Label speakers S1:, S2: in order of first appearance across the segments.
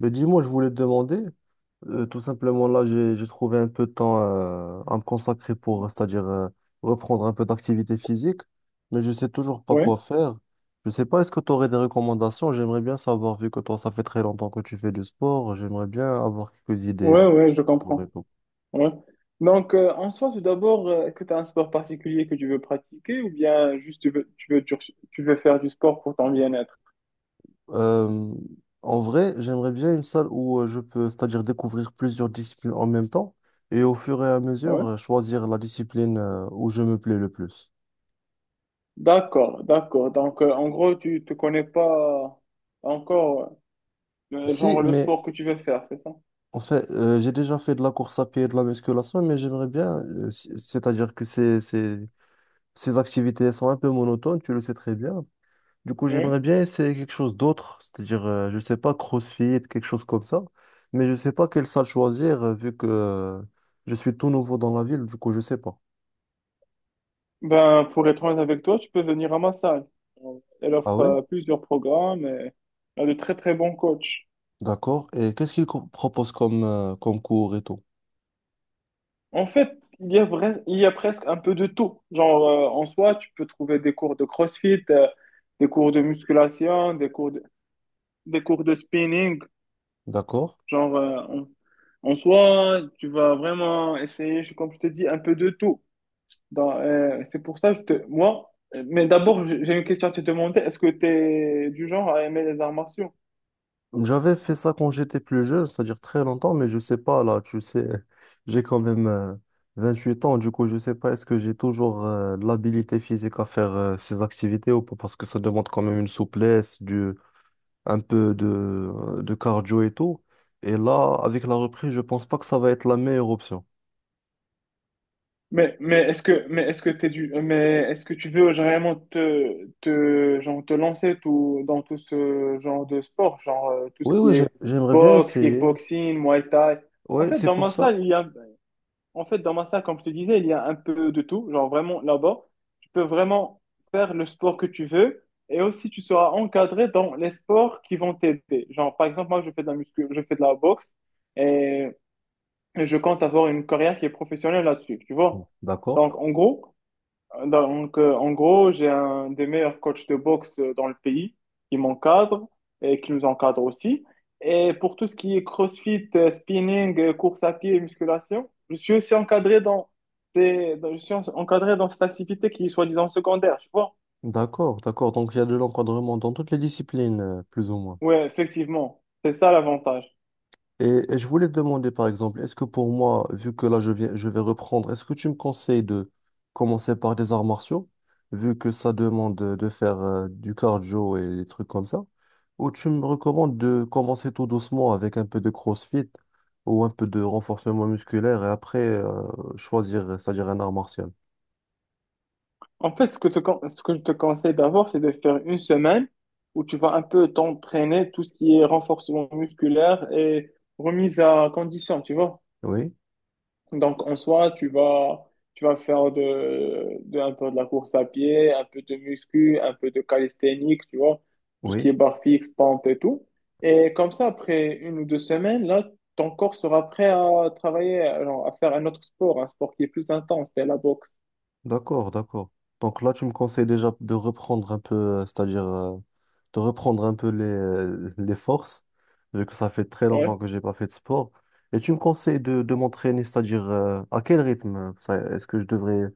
S1: Mais dis-moi, je voulais te demander, tout simplement là, j'ai trouvé un peu de temps à me consacrer pour, c'est-à-dire reprendre un peu d'activité physique, mais je sais toujours pas
S2: Ouais,
S1: quoi faire. Je sais pas, est-ce que tu aurais des recommandations? J'aimerais bien savoir, vu que toi, ça fait très longtemps que tu fais du sport, j'aimerais bien avoir quelques idées
S2: ouais,
S1: de
S2: ouais, je
S1: sport et
S2: comprends.
S1: tout.
S2: Ouais. Donc, en soi, tout d'abord, est-ce que tu as un sport particulier que tu veux pratiquer ou bien juste tu veux faire du sport pour ton bien-être?
S1: Euh, En vrai, j'aimerais bien une salle où je peux, c'est-à-dire découvrir plusieurs disciplines en même temps et au fur et à
S2: Ouais.
S1: mesure choisir la discipline où je me plais le plus.
S2: D'accord, d'accord. Donc, en gros, tu te connais pas encore,
S1: Si,
S2: genre, le
S1: mais
S2: sport que tu veux faire, c'est ça?
S1: en fait, j'ai déjà fait de la course à pied et de la musculation, mais j'aimerais bien, c'est-à-dire que ces activités elles sont un peu monotones, tu le sais très bien. Du coup,
S2: Oui.
S1: j'aimerais bien essayer quelque chose d'autre, je sais pas, CrossFit, quelque chose comme ça, mais je sais pas quelle salle choisir, vu que je suis tout nouveau dans la ville, du coup, je sais pas.
S2: Ben, pour être honnête avec toi, tu peux venir à ma salle. Elle
S1: Ah
S2: offre
S1: oui?
S2: plusieurs programmes, et elle a de très, très bons coachs.
S1: D'accord. Et proposent comme, comme cours et tout?
S2: En fait, il y a presque un peu de tout. Genre, en soi, tu peux trouver des cours de CrossFit, des cours de musculation, des cours de spinning.
S1: D'accord.
S2: Genre, en soi, tu vas vraiment essayer, comme je te dis, un peu de tout. C'est pour ça que je te, moi, mais d'abord, j'ai une question à te demander. Est-ce que tu es du genre à aimer les arts martiaux?
S1: J'avais fait ça quand j'étais plus jeune, c'est-à-dire très longtemps, mais je sais pas, là, tu sais, j'ai quand même 8 ans, du coup, je sais pas, est-ce que j'ai toujours de l'habilité physique à faire ces activités ou pas, parce que ça demande quand même une souplesse, un peu de cardio et tout. Et là, avec la reprise, je pense pas que ça va être la meilleure option.
S2: Mais, est-ce que t'es du mais est-ce que tu veux vraiment te, te genre te lancer tout dans tout ce genre de sport, genre tout ce
S1: Oui,
S2: qui
S1: oui,
S2: est
S1: j'aimerais bien
S2: boxe,
S1: essayer.
S2: kickboxing, Muay Thai? en
S1: Oui,
S2: fait
S1: c'est
S2: dans
S1: pour
S2: ma
S1: ça.
S2: salle il y a En fait, dans ma salle, comme je te disais, il y a un peu de tout. Genre, vraiment, là-bas, tu peux vraiment faire le sport que tu veux, et aussi tu seras encadré dans les sports qui vont t'aider. Genre, par exemple, moi, je fais de la muscu, je fais de la boxe, et et je compte avoir une carrière qui est professionnelle là-dessus, tu vois.
S1: D'accord.
S2: Donc, en gros, j'ai un des meilleurs coachs de boxe dans le pays qui m'encadre et qui nous encadre aussi. Et pour tout ce qui est CrossFit, spinning, course à pied et musculation, je suis aussi encadré encadré dans cette activité qui est soi-disant secondaire, tu vois.
S1: D'accord, d'accord. Donc, il y a de l'encadrement dans toutes les disciplines, plus ou moins.
S2: Ouais, effectivement, c'est ça l'avantage.
S1: Et je voulais te demander, par exemple, est-ce que pour moi, vu que là je viens, je vais reprendre, est-ce que tu me conseilles de commencer par des arts martiaux, vu que ça demande de faire du cardio et des trucs comme ça, ou tu me recommandes de commencer tout doucement avec un peu de CrossFit ou un peu de renforcement musculaire et après choisir, c'est-à-dire un art martial?
S2: En fait, ce que je te conseille d'abord, c'est de faire une semaine où tu vas un peu t'entraîner tout ce qui est renforcement musculaire et remise à condition, tu vois.
S1: Oui,
S2: Donc, en soi, tu vas faire un peu de la course à pied, un peu de muscu, un peu de calisthénique, tu vois. Tout ce qui
S1: oui.
S2: est barre fixe, pompe et tout. Et comme ça, après une ou deux semaines, là, ton corps sera prêt à travailler, alors, à faire un autre sport, un sport qui est plus intense, c'est la boxe.
S1: D'accord, d'accord. Donc là, tu me conseilles déjà de reprendre un peu, c'est-à-dire de reprendre un peu les forces, vu que ça fait très longtemps
S2: Ouais.
S1: que j'ai pas fait de sport. Et tu me conseilles de m'entraîner, c'est-à-dire à quel rythme? Ça, est-ce que je devrais,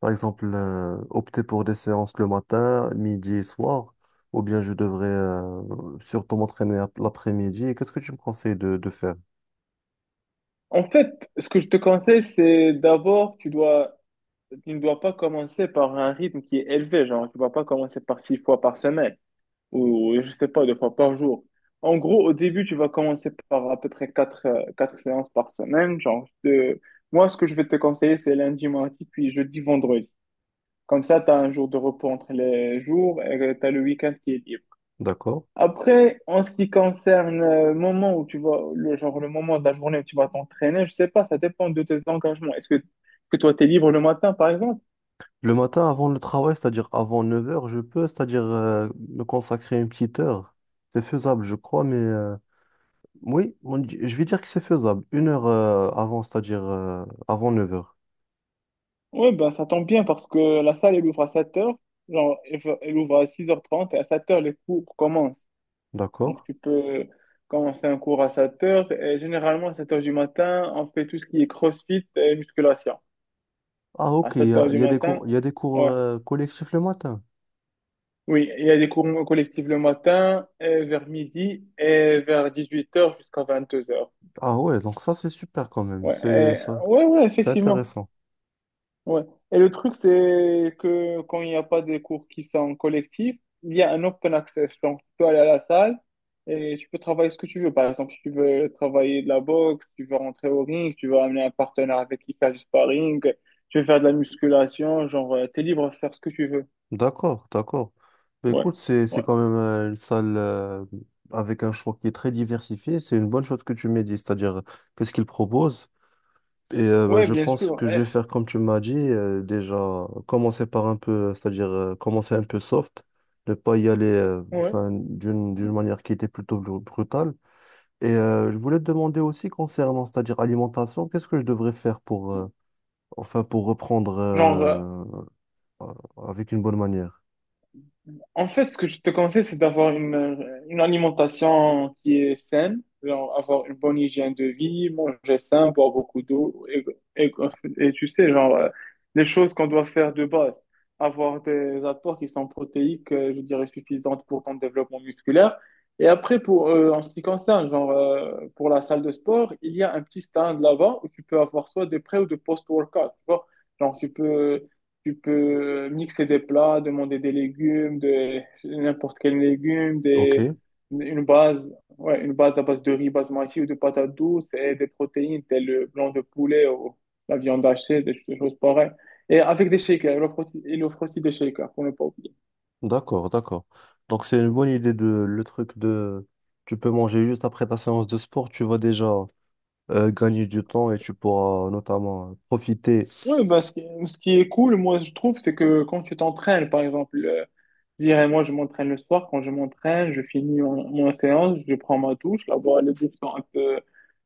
S1: par exemple, opter pour des séances le matin, midi et soir, ou bien je devrais surtout l'après-midi? Qu'est-ce que tu me conseilles de faire?
S2: En fait, ce que je te conseille, c'est d'abord, tu ne dois pas commencer par un rythme qui est élevé, genre, tu ne dois pas commencer par 6 fois par semaine ou, je sais pas, 2 fois par jour. En gros, au début, tu vas commencer par à peu près 4 séances par semaine. Genre, te- moi, ce que je vais te conseiller, c'est lundi, mardi, puis jeudi, vendredi. Comme ça, tu as un jour de repos entre les jours et tu as le week-end qui est libre.
S1: D'accord.
S2: Après, en ce qui concerne le moment où tu vas, le moment de la journée où tu vas t'entraîner, je sais pas, ça dépend de tes engagements. Que toi, t'es libre le matin, par exemple?
S1: Le matin, avant le travail, c'est-à-dire avant 9 heures, je peux, c'est-à-dire me consacrer une petite heure. C'est faisable, je crois, mais oui, je vais dire que c'est faisable. Une heure avant, c'est-à-dire avant 9 heures,
S2: Oui, ben ça tombe bien parce que la salle, elle ouvre à 7h. Genre, elle ouvre à 6h30 et à 7h, les cours commencent.
S1: d'accord?
S2: Donc, tu peux commencer un cours à 7h et généralement, à 7h du matin, on fait tout ce qui est CrossFit et musculation.
S1: Ah,
S2: À
S1: ok,
S2: 7h du
S1: il y a des
S2: matin,
S1: cours, il y a des cours
S2: ouais.
S1: collectifs le matin.
S2: Oui, il y a des cours collectifs le matin, vers midi, et vers 18 heures jusqu'à 22 heures.
S1: Ah ouais, donc ça, c'est super quand même.
S2: Ouais,
S1: C'est ça,
S2: ouais, ouais,
S1: c'est
S2: effectivement.
S1: intéressant.
S2: Ouais. Et le truc, c'est que quand il n'y a pas des cours qui sont collectifs, il y a un open access. Donc, tu peux aller à la salle et tu peux travailler ce que tu veux. Par exemple, si tu veux travailler de la boxe, tu veux rentrer au ring, tu veux amener un partenaire avec qui faire du sparring, tu veux faire de la musculation, genre, t'es libre de faire ce que tu veux.
S1: D'accord, d'accord. Mais
S2: Ouais,
S1: écoute, c'est
S2: ouais.
S1: quand même une salle avec un choix qui est très diversifié. C'est une bonne chose que tu m'aies dit, c'est-à-dire qu'est-ce qu'ils proposent. Et bah,
S2: Ouais,
S1: je
S2: bien
S1: pense
S2: sûr.
S1: que je vais faire comme tu m'as dit, déjà commencer par un peu, c'est-à-dire commencer un peu soft, ne pas y aller
S2: Ouais.
S1: enfin, d'une manière qui était brutale. Et je voulais te demander aussi concernant, c'est-à-dire alimentation, qu'est-ce que je devrais faire pour, enfin, pour reprendre
S2: Genre, euh,
S1: euh, avec une bonne manière?
S2: En fait, ce que je te conseille, c'est d'avoir une alimentation qui est saine, genre avoir une bonne hygiène de vie, manger sain, boire beaucoup d'eau, et, et tu sais, genre, les choses qu'on doit faire de base, avoir des apports qui sont protéiques, je dirais, suffisantes pour ton développement musculaire. Et après, pour, en ce qui concerne, genre, pour la salle de sport, il y a un petit stand là-bas où tu peux avoir soit des pré ou des post-workout, tu vois. Genre, tu peux mixer des plats, demander des légumes, de n'importe quel légume,
S1: Ok,
S2: une base, ouais, une base à base de riz basmati ou de patates douces et des protéines telles le blanc de poulet ou la viande hachée, des choses pareilles. Et avec des shakers, il offre aussi des shakers, pour ne pas oublier.
S1: d'accord, d'accord. Donc c'est une bonne idée de le truc de, tu peux manger juste après ta séance de sport, tu vas déjà gagner du temps et tu pourras notamment profiter.
S2: Ouais, bah, ce qui est cool, moi, je trouve, c'est que quand tu t'entraînes, par exemple, je dirais, moi, je m'entraîne le soir. Quand je m'entraîne, je finis mon séance, je prends ma douche. Là-bas, les douches sont un peu,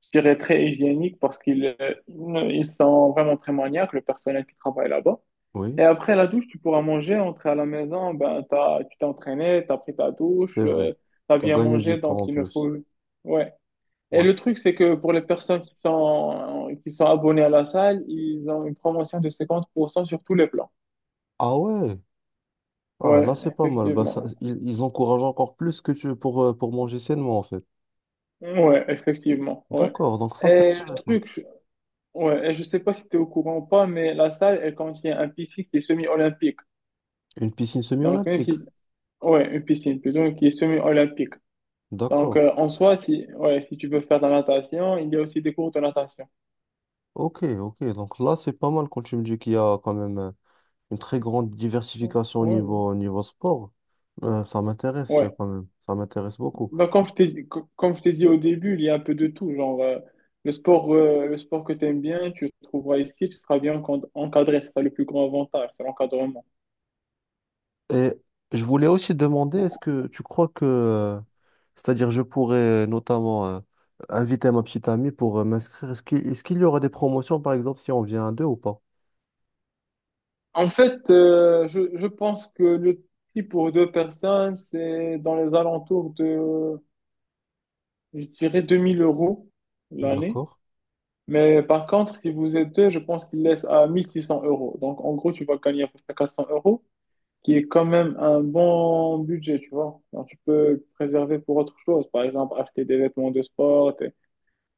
S2: je dirais, très hygiéniques parce qu'ils ils sont vraiment très maniaques, le personnel qui travaille là-bas.
S1: Oui,
S2: Et après la douche, tu pourras manger, entrer à la maison. Ben, tu t'es entraîné, t'as pris ta douche,
S1: c'est vrai.
S2: t'as
S1: Tu as
S2: bien
S1: gagné du
S2: mangé, donc
S1: temps en
S2: il ne
S1: plus.
S2: faut... Ouais. Et
S1: Ouais.
S2: le truc, c'est que pour les personnes qui sont abonnées à la salle, ils ont une promotion de 50% sur tous les plans.
S1: Ah ouais. Ah là,
S2: Ouais,
S1: c'est pas mal. Bah, ça,
S2: effectivement.
S1: ils encouragent encore plus que tu pour manger sainement en fait.
S2: Ouais, effectivement, ouais.
S1: D'accord, donc ça c'est
S2: Et le
S1: intéressant.
S2: truc, ouais, et je sais pas si tu es au courant ou pas, mais la salle, elle contient un piscine qui est semi-olympique.
S1: Une piscine
S2: Donc, même
S1: semi-olympique.
S2: si, ouais, une piscine plutôt, qui est semi-olympique. Donc,
S1: D'accord.
S2: en soi, si, ouais, si tu veux faire de la natation, il y a aussi des cours de natation.
S1: Ok, ok. Donc là, c'est pas mal quand tu me dis qu'il y a quand même une très grande
S2: Ouais,
S1: diversification
S2: ouais.
S1: au niveau sport. Ça m'intéresse
S2: Ouais.
S1: quand même. Ça m'intéresse beaucoup.
S2: Donc, comme je t'ai dit au début, il y a un peu de tout. Genre, le sport que tu aimes bien, tu le trouveras ici, tu seras bien encadré. C'est ça le plus grand avantage, c'est l'encadrement.
S1: Et je voulais aussi demander, est-ce que tu crois que, c'est-à-dire je pourrais notamment inviter ma petite amie pour m'inscrire, est-ce qu'il y aura des promotions par exemple si on vient à deux ou pas?
S2: En fait, je pense que le prix pour deux personnes, c'est dans les alentours de, je dirais, 2 000 euros l'année.
S1: D'accord,
S2: Mais par contre, si vous êtes deux, je pense qu'il laisse à 1 600 euros. Donc, en gros, tu vas gagner à peu près 400 euros, qui est quand même un bon budget, tu vois. Alors, tu peux préserver pour autre chose. Par exemple, acheter des vêtements de sport,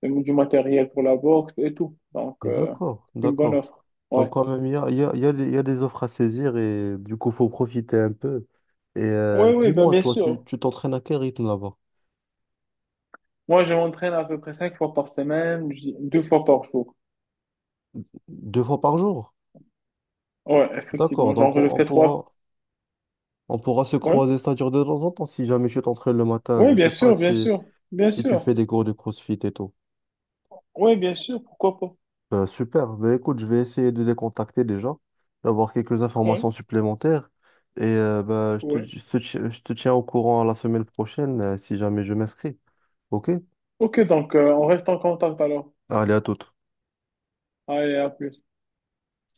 S2: et du matériel pour la boxe et tout. Donc,
S1: d'accord,
S2: une bonne
S1: d'accord.
S2: offre. Ouais.
S1: Donc quand même, il y a des offres à saisir et du coup, faut profiter un peu. Et
S2: Oui, oui, ben
S1: dis-moi,
S2: bien
S1: toi, tu
S2: sûr.
S1: tu t'entraînes à quel rythme là-bas?
S2: Moi, je m'entraîne à peu près 5 fois par semaine, 2 fois par jour.
S1: Deux fois par jour?
S2: Ouais,
S1: D'accord,
S2: effectivement. Genre,
S1: donc
S2: je fais trois.
S1: on pourra se
S2: Ouais.
S1: croiser, c'est-à-dire de temps en temps, si jamais tu t'entraînes le matin,
S2: Ouais,
S1: je
S2: bien
S1: sais pas
S2: sûr, bien
S1: si...
S2: sûr. Bien
S1: Si tu
S2: sûr.
S1: fais des cours de CrossFit et tout.
S2: Ouais, bien sûr. Pourquoi pas?
S1: Super. Ben, écoute, je vais essayer de les contacter déjà, d'avoir quelques
S2: Ouais.
S1: informations supplémentaires. Et ben,
S2: Ouais.
S1: je te tiens au courant la semaine prochaine si jamais je m'inscris. OK?
S2: Ok, donc, on reste en contact alors.
S1: Allez, à toute.
S2: Allez, à plus.